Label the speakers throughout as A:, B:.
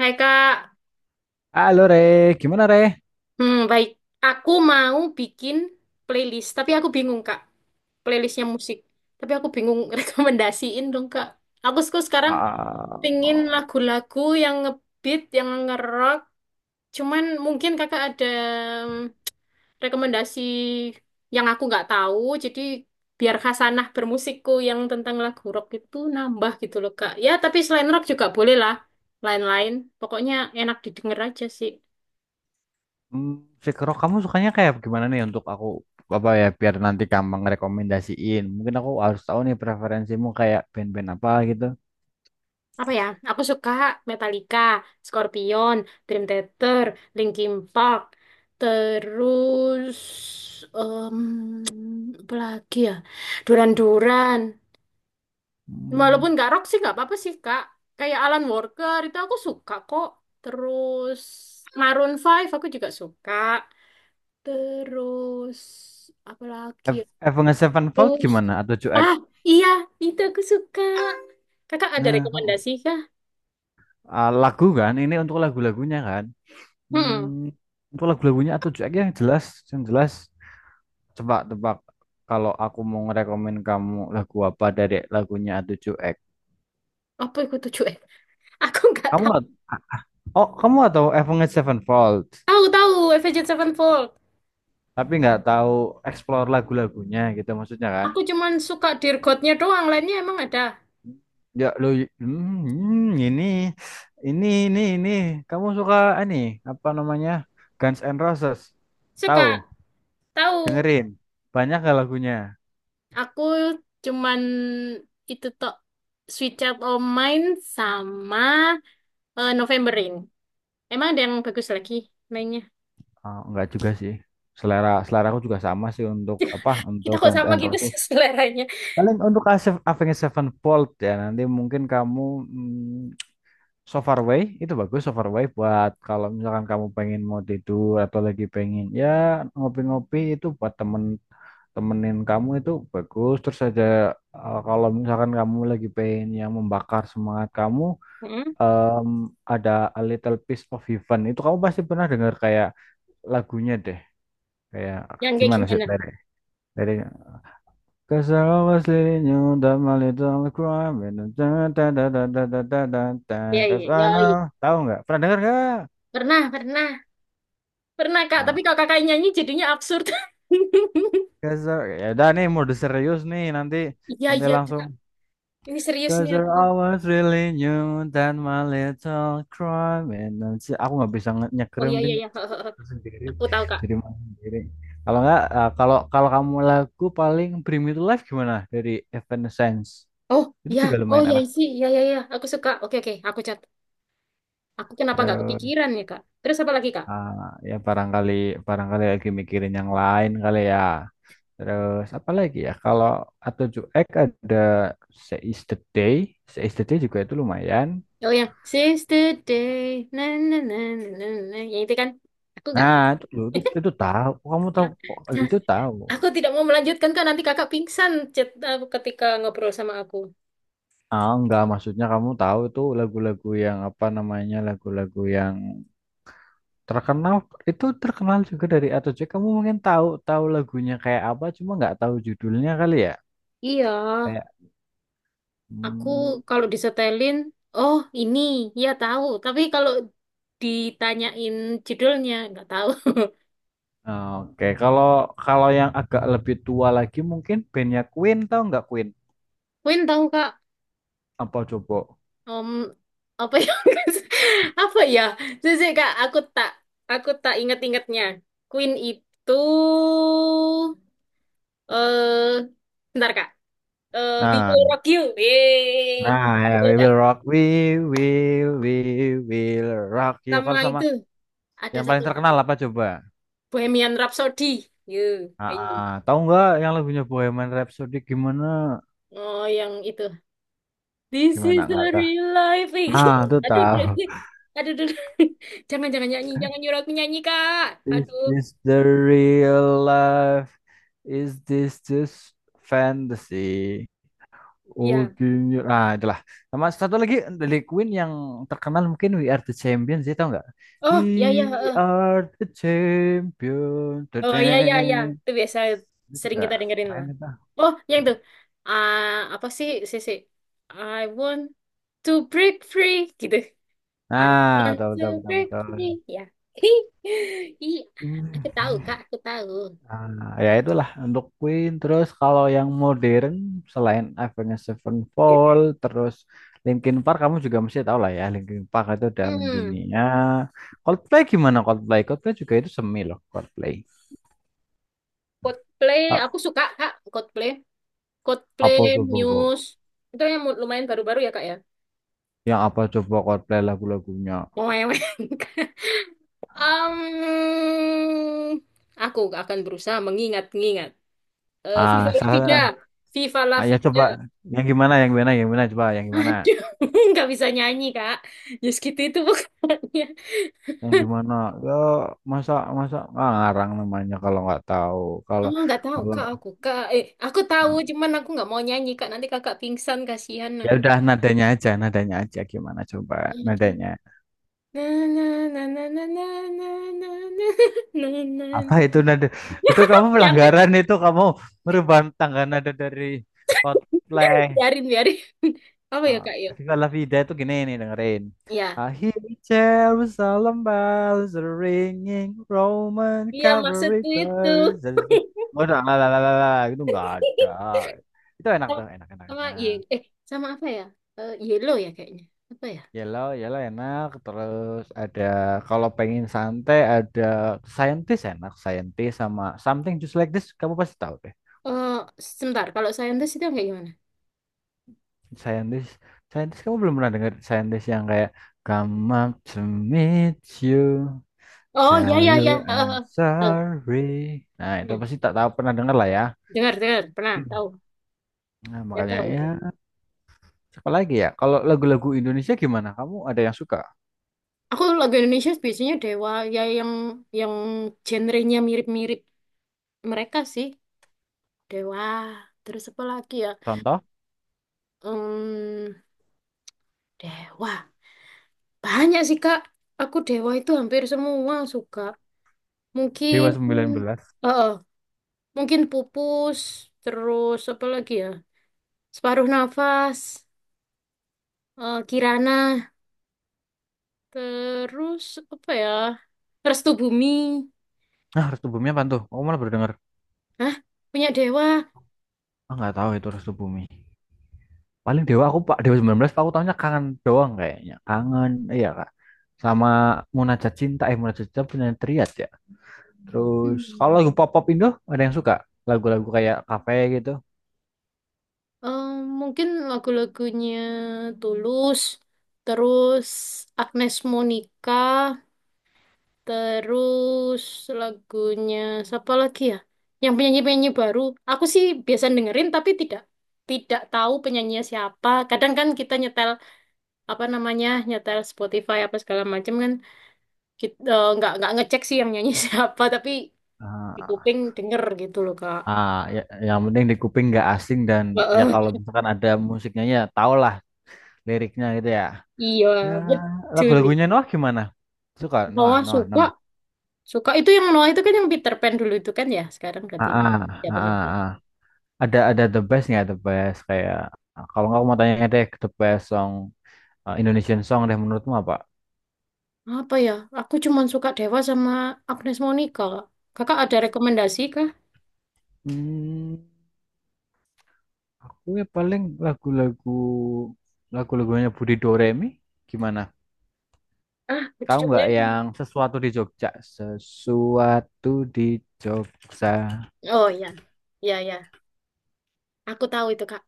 A: Hai Kak.
B: Halo Re, gimana Re?
A: Baik. Aku mau bikin playlist, tapi aku bingung, Kak, playlistnya musik. Tapi aku bingung, rekomendasiin dong, Kak. Aku suka sekarang
B: Ah,
A: pingin lagu-lagu yang ngebeat, yang ngerock. Cuman mungkin Kakak ada rekomendasi yang aku nggak tahu. Jadi biar khasanah bermusikku yang tentang lagu rock itu nambah gitu loh, Kak. Ya tapi selain rock juga boleh lah, lain-lain. Pokoknya enak didengar aja sih.
B: hmm, Fikro, kamu sukanya kayak gimana nih untuk aku apa ya biar nanti kamu ngerekomendasiin. Mungkin aku harus tahu nih preferensimu kayak band-band apa gitu.
A: Apa ya? Aku suka Metallica, Scorpion, Dream Theater, Linkin Park, terus em, apa lagi ya? Duran-Duran.
B: Hmm,
A: Walaupun nggak rock sih nggak apa-apa sih, Kak. Kayak Alan Walker itu aku suka kok. Terus Maroon Five aku juga suka. Terus apa lagi, ya?
B: Avenged Sevenfold
A: Terus
B: gimana atau Joek?
A: ah, iya, itu aku suka. Kakak ada
B: Nah,
A: rekomendasi kah?
B: lagu kan ini untuk lagu-lagunya kan.
A: Hmm.
B: Untuk lagu-lagunya atau Joek yang jelas, yang jelas. Coba tebak kalau aku mau ngerekomen kamu lagu apa dari lagunya atau Joek.
A: Apa itu 7? Aku nggak
B: Kamu
A: tahu.
B: nggak Oh, kamu atau Avenged Sevenfold,
A: Tahu, tahu Avenged Sevenfold.
B: tapi nggak tahu explore lagu-lagunya gitu maksudnya kan?
A: Aku cuman suka Dear God-nya doang, lainnya emang ada.
B: Ya lu hmm, ini ini kamu suka ini apa namanya? Guns N' Roses.
A: Suka,
B: Tahu,
A: tahu.
B: dengerin. Banyak gak lagunya?
A: Aku cuman itu tok Sweet Child O' Mine sama, eh, November Rain. Emang ada yang bagus lagi mainnya?
B: Oh, enggak juga sih. Selera selera aku juga sama sih, untuk apa? Untuk
A: Kita kok
B: Guns
A: sama
B: N'
A: gitu sih,
B: Roses.
A: seleranya.
B: Paling untuk Avenged Sevenfold ya nanti mungkin kamu hmm, So Far, itu bagus So Far buat kalau misalkan kamu pengen mau tidur atau lagi pengen ya ngopi-ngopi, itu buat temen temenin kamu itu bagus. Terus aja kalau misalkan kamu lagi pengen yang membakar semangat kamu
A: Mm-mm.
B: em, ada A Little Piece of Heaven, itu kamu pasti pernah dengar. Kayak lagunya deh, kayak
A: Yang kayak
B: gimana sih
A: gimana?
B: lirik liriknya: cause I always leading you down my little crime and da da da da da da da da da-
A: Ya,
B: da-
A: iya,
B: 'cause
A: ya,
B: I
A: iya, iya.
B: know. Tahu nggak? Pernah dengar nggak?
A: Pernah, pernah. Pernah, Kak, tapi
B: Ah,
A: kalau kakak nyanyi jadinya absurd.
B: Gazer, ya udah nih mode serius nih, nanti
A: Iya,
B: nanti
A: iya,
B: langsung
A: Kak. Ini serius nih
B: cause
A: aku.
B: I was really new that my little crime and, nanti aku nggak bisa nge-
A: Oh,
B: nyekrim
A: iya, iya,
B: ding
A: iya.
B: sendiri,
A: Aku tahu, Kak.
B: jadi main sendiri. Kalau nggak eh, kalau kalau kamu lagu paling Bring Me to Life gimana dari Evanescence.
A: Oh
B: Itu
A: ya,
B: juga
A: oh
B: lumayan
A: ya
B: enak.
A: sih, ya, ya, ya, aku suka. Oke, oke, aku cat. Aku kenapa nggak
B: Terus
A: kepikiran ya, kak? Terus apa lagi, kak?
B: ah, ya barangkali barangkali lagi mikirin yang lain kali ya. Terus apa lagi ya? Kalau A7X ada Seize the Day. Seize the Day juga itu lumayan.
A: Oh yang Sister Day, na na na na na, na, yang itu kan? Aku nggak.
B: Nah, itu tahu. Kamu tahu kok, itu tahu.
A: Aku tidak mau melanjutkan, kak. Nanti kakak pingsan chat aku ketika ngobrol sama aku.
B: Ah, enggak, maksudnya kamu tahu itu lagu-lagu yang apa namanya? Lagu-lagu yang terkenal, itu terkenal juga dari A7X. Kamu mungkin tahu tahu lagunya kayak apa, cuma nggak tahu judulnya kali ya.
A: Iya,
B: Kayak
A: aku
B: hmm,
A: kalau disetelin, oh ini, ya tahu. Tapi kalau ditanyain judulnya nggak tahu.
B: Oke. Kalau kalau yang agak lebih tua lagi mungkin bandnya Queen. Tahu nggak Queen?
A: Queen tahu, kak.
B: Apa coba?
A: Om, apa ya, apa ya, jujur kak, aku tak ingat-ingatnya. Queen itu, eh, bentar kak, eh, We
B: Nah,
A: Will Rock You. Yeay.
B: nah ya,
A: Betul,
B: We
A: kak.
B: Will Rock, We Will, We Will Rock You.
A: Sama
B: Kalau sama
A: itu ada
B: yang
A: satu
B: paling
A: lagi,
B: terkenal apa coba?
A: Bohemian Rhapsody, yuk,
B: Ah,
A: ayo.
B: ah, tahu nggak yang lagunya Bohemian Rhapsody gimana?
A: Oh yang itu, This
B: Gimana
A: is
B: nggak
A: the
B: tahu?
A: real life.
B: Ah, tuh
A: Aduh,
B: tahu.
A: aduh, aduh, aduh. Jangan, jangan nyanyi, jangan nyuruh aku nyanyi, kak.
B: Is
A: Aduh,
B: this the real life? Is this just fantasy?
A: ya.
B: Oke, itulah. Sama satu lagi dari Queen yang terkenal mungkin We Are the Champions, ya tau nggak? We
A: Oh, ya, ya. Eh.
B: are the champions, the—
A: Oh, iya, iya, iya, itu biasa
B: itu
A: sering
B: juga
A: kita dengerin
B: keren
A: lah.
B: itu.
A: Oh, yang tuh. Ah, apa sih, Sisi? I want to break free gitu. I
B: Nah,
A: want
B: betul
A: to
B: betul betul
A: break free.
B: betul.
A: Ya. Iya, aku tahu Kak,
B: Hmm.
A: aku tahu.
B: Nah, ya itulah untuk Queen. Terus kalau yang modern selain Avenged Sevenfold, terus Linkin Park kamu juga mesti tahu lah ya. Linkin Park itu udah
A: Hmm,
B: mendunia. Coldplay gimana Coldplay? Coldplay juga itu semi loh Coldplay.
A: Coldplay,
B: A-
A: aku suka Kak, Coldplay. Coldplay,
B: Apa coba kok?
A: Muse. Itu yang lumayan baru-baru ya, Kak, ya.
B: Yang apa coba Coldplay lagu-lagunya?
A: Mewek. Um, aku akan berusaha mengingat-ingat. Eh,
B: Ah,
A: Viva la
B: salah.
A: vida, Viva la
B: Ya,
A: vida.
B: coba yang gimana? Yang gimana? Yang gimana? Coba yang gimana?
A: Aduh, nggak bisa nyanyi, kak. Just gitu itu bukannya.
B: Yang gimana? Ya masa masa ngarang namanya kalau nggak tahu. Kalau
A: Oh, nggak tahu
B: kalau
A: kak, aku kak. Eh, aku tahu,
B: ah,
A: cuman aku nggak mau nyanyi, kak. Nanti kakak pingsan, kasihan
B: ya
A: aku.
B: udah nadanya aja gimana coba nadanya.
A: Na na na na na na na na na, na na
B: Apa itu
A: na.
B: nada? Itu kamu
A: Jangan,
B: pelanggaran, itu kamu merubah tangga nada dari Coldplay.
A: biarin, biarin. Apa ya,
B: Ah,
A: kak ya?
B: Viva La Vida itu gini nih, dengerin.
A: Ya,
B: I hear Jerusalem bells are ringing, Roman
A: iya
B: cavalry
A: maksudku itu.
B: guards are— oh, la la la la la, itu enggak ada. Itu enak
A: Sama,
B: tuh, enak enak
A: sama
B: enak.
A: ye- eh sama apa ya? Eh, yellow ya kayaknya. Apa ya?
B: Yellow, yellow enak. Terus ada kalau pengen santai ada Scientist enak. Scientist sama Something Just Like This kamu pasti tahu deh.
A: Eh, sebentar, kalau saintis itu yang kayak gimana?
B: Scientist, Scientist kamu belum pernah dengar? Scientist yang kayak come up to meet you,
A: Oh, ya,
B: tell
A: ya,
B: you
A: ya. Eh,
B: I'm
A: eh, eh. Tahu.
B: sorry. Nah itu
A: Ya,
B: pasti tak tahu, pernah dengar lah ya.
A: dengar, dengar. Pernah, tahu.
B: Nah
A: Ya,
B: makanya ya,
A: tahu.
B: siapa lagi ya? Kalau lagu-lagu Indonesia gimana? Kamu ada yang suka?
A: Aku lagu Indonesia biasanya Dewa, ya yang genrenya mirip-mirip mereka sih. Dewa, terus apa lagi ya?
B: Contoh
A: Hmm, Dewa. Banyak sih, Kak. Aku Dewa itu hampir semua suka. Mungkin,
B: Dewa 19.
A: eh, eh, mungkin Pupus, terus apa lagi ya? Separuh Nafas, eh, Kirana. Terus apa ya? Restu Bumi.
B: Nah, Restu Bumi apa tuh? Aku malah baru dengar.
A: Hah? Punya Dewa.
B: Ah, nggak tahu itu Restu Bumi. Paling Dewa aku Pak, Dewa 19 Pak, aku tahunya Kangen doang kayaknya. Kangen iya Kak. Sama Munajat Cinta, Munajat Cinta punya Triad ya. Terus kalau
A: Hmm.
B: lagu pop-pop Indo ada yang suka lagu-lagu kayak Cafe gitu.
A: Eh, mungkin lagu-lagunya Tulus. Terus Agnes Monica. Terus lagunya siapa lagi ya? Yang penyanyi-penyanyi baru. Aku sih biasa dengerin tapi tidak tidak tahu penyanyinya siapa. Kadang kan kita nyetel apa namanya nyetel Spotify apa segala macam kan kita nggak ngecek sih yang nyanyi, siapa, tapi di
B: Ah,
A: kuping denger gitu loh, Kak.
B: ah, ya, yang penting di kuping nggak asing dan ya
A: Heeh.
B: kalau misalkan ada musiknya ya tau lah liriknya gitu ya.
A: Iya,
B: Ya,
A: betul
B: lagu-lagunya
A: itu.
B: Noah gimana? Suka Noah,
A: Noah
B: Noah,
A: suka,
B: Noah.
A: suka itu yang Noah itu kan yang Peter Pan dulu itu kan ya, sekarang
B: Ah,
A: ganti ini.
B: ah,
A: Ya
B: ah,
A: bener
B: ah,
A: tuh.
B: ah. Ada the best nggak? The best kayak kalau nggak aku mau tanya deh the best song, eh, Indonesian song deh menurutmu apa?
A: Apa ya? Aku cuma suka Dewa sama Agnes Monica. Kakak ada rekomendasi kah?
B: Hmm, aku ya paling lagu-lagu lagu-lagunya Budi Doremi gimana?
A: Ah,
B: Tahu nggak
A: judulnya.
B: yang Sesuatu di Jogja? Sesuatu di Jogja.
A: Oh ya, ya, ya. Aku tahu itu, Kak.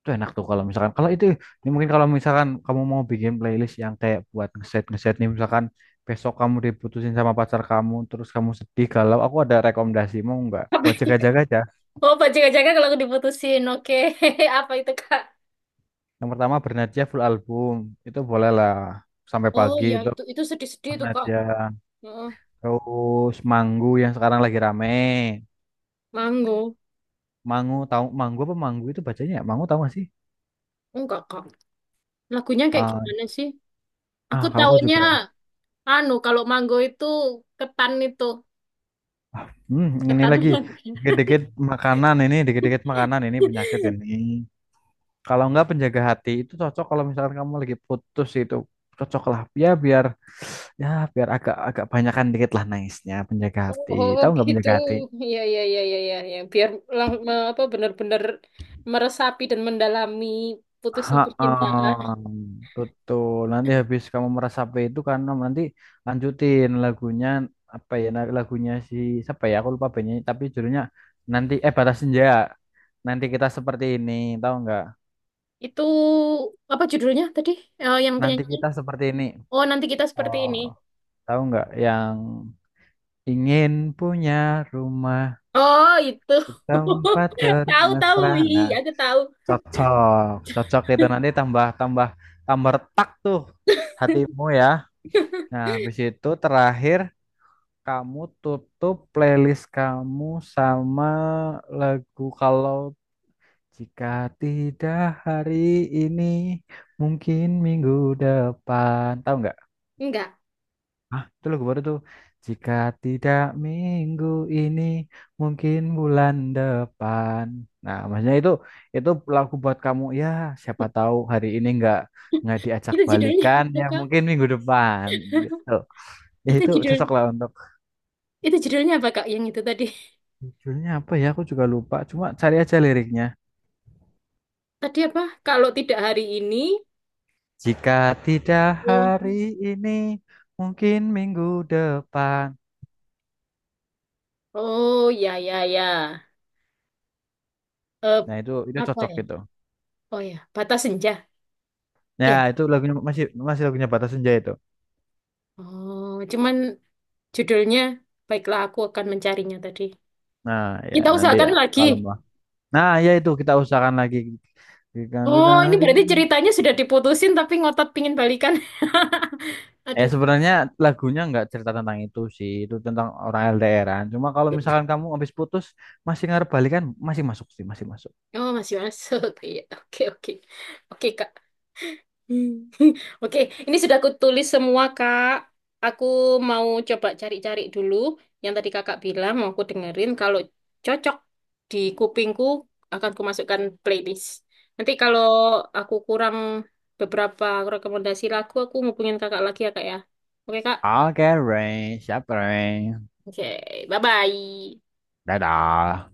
B: Itu enak tuh kalau misalkan, kalau itu ini mungkin kalau misalkan kamu mau bikin playlist yang kayak buat ngeset ngeset nih, misalkan besok kamu diputusin sama pacar kamu terus kamu sedih galau, aku ada rekomendasi mau nggak
A: Apa
B: buat
A: itu?
B: jaga-jaga aja.
A: Oh, Pak Jaga-Jaga kalau aku diputusin. Oke. Apa itu, Kak?
B: Yang pertama Bernadja full album itu boleh lah, Sampai
A: Oh
B: Pagi
A: ya,
B: itu
A: itu sedih-sedih itu, Kak.
B: Penadian.
A: Heeh.
B: Terus Manggu yang sekarang lagi rame.
A: Manggo.
B: Mangu tahu, Manggu apa Manggu itu bacanya ya? Manggu tahu gak sih?
A: Enggak, Kak. Lagunya kayak
B: Ah,
A: gimana sih?
B: ah,
A: Aku
B: kalau aku
A: taunya
B: juga.
A: anu kalau mango itu,
B: Ini
A: ketan
B: lagi
A: mangga.
B: dikit-dikit dikit-dikit makanan ini penyakit ini. Kalau enggak Penjaga Hati itu cocok kalau misalkan kamu lagi putus, itu cocok lah ya biar, ya biar agak agak banyakan dikit lah nice-nya Penjaga
A: Oh,
B: Hati.
A: oh,
B: Tahu nggak
A: gitu.
B: Penjaga Hati?
A: Iya, iya, iya, iya, iya, iya. Biar apa benar-benar meresapi dan mendalami putusnya
B: Ha,
A: percintaan.
B: betul. Nanti habis kamu meresapi itu, karena nanti lanjutin lagunya apa ya? Nah, lagunya si siapa ya? Aku lupa penyanyi tapi judulnya nanti eh, Batas Senja. Nanti Kita Seperti Ini, tahu nggak?
A: Itu apa judulnya tadi? Eh, yang
B: Nanti
A: penyanyinya.
B: Kita Seperti Ini.
A: Oh, nanti kita seperti
B: Oh,
A: ini.
B: tahu nggak yang ingin punya rumah
A: Oh, itu.
B: di tempat
A: Tahu, tahu.
B: bermesra? Nah,
A: Iya, aku tahu.
B: cocok, cocok itu nanti tambah tambah tambah retak tuh hatimu ya. Nah, habis itu terakhir kamu tutup playlist kamu sama lagu Kalau Jika Tidak Hari Ini Mungkin Minggu Depan. Tahu nggak?
A: Enggak.
B: Ah, itu lagu baru tuh. Jika Tidak Minggu Ini Mungkin Bulan Depan. Nah, maksudnya itu lagu buat kamu ya. Siapa tahu hari ini nggak diajak
A: Itu judulnya
B: balikan
A: apa,
B: ya
A: Kak?
B: mungkin minggu depan gitu. Ya
A: Itu
B: itu
A: judul
B: cocok lah untuk—
A: itu judulnya apa, Kak? Yang itu tadi.
B: Judulnya apa ya? Aku juga lupa. Cuma cari aja liriknya.
A: Tadi apa? Kalau tidak hari ini,
B: Jika tidak
A: oh,
B: hari ini, mungkin minggu depan.
A: oh ya, ya, ya. Eh,
B: Nah itu
A: apa
B: cocok
A: ya?
B: gitu.
A: Oh ya, batas senja.
B: Ya
A: Ya.
B: itu lagunya masih, masih lagunya Batas Senja itu.
A: Oh, cuman judulnya Baiklah Aku Akan Mencarinya tadi.
B: Nah ya
A: Kita
B: nanti
A: usahakan
B: ya
A: lagi.
B: kalem lah. Nah ya itu kita usahakan lagi. Jika tidak
A: Oh, ini
B: hari
A: berarti
B: ini.
A: ceritanya sudah diputusin tapi ngotot pingin balikan.
B: Eh,
A: Aduh.
B: sebenarnya lagunya nggak cerita tentang itu sih. Itu tentang orang LDRan. Cuma kalau misalkan kamu habis putus masih ngarep balikan, masih masuk sih, masih masuk.
A: Oh, masih masuk. Iya, oke, oke. Oke, Kak. Hmm. Oke, ini sudah aku tulis semua, Kak. Aku mau coba cari-cari dulu yang tadi Kakak bilang, mau aku dengerin. Kalau cocok di kupingku, akan aku masukkan playlist. Nanti kalau aku kurang beberapa rekomendasi lagu, aku hubungin Kakak lagi ya, Kak ya. Oke, Kak.
B: Oke, Rain, siap Rain.
A: Oke, bye-bye.
B: Dadah.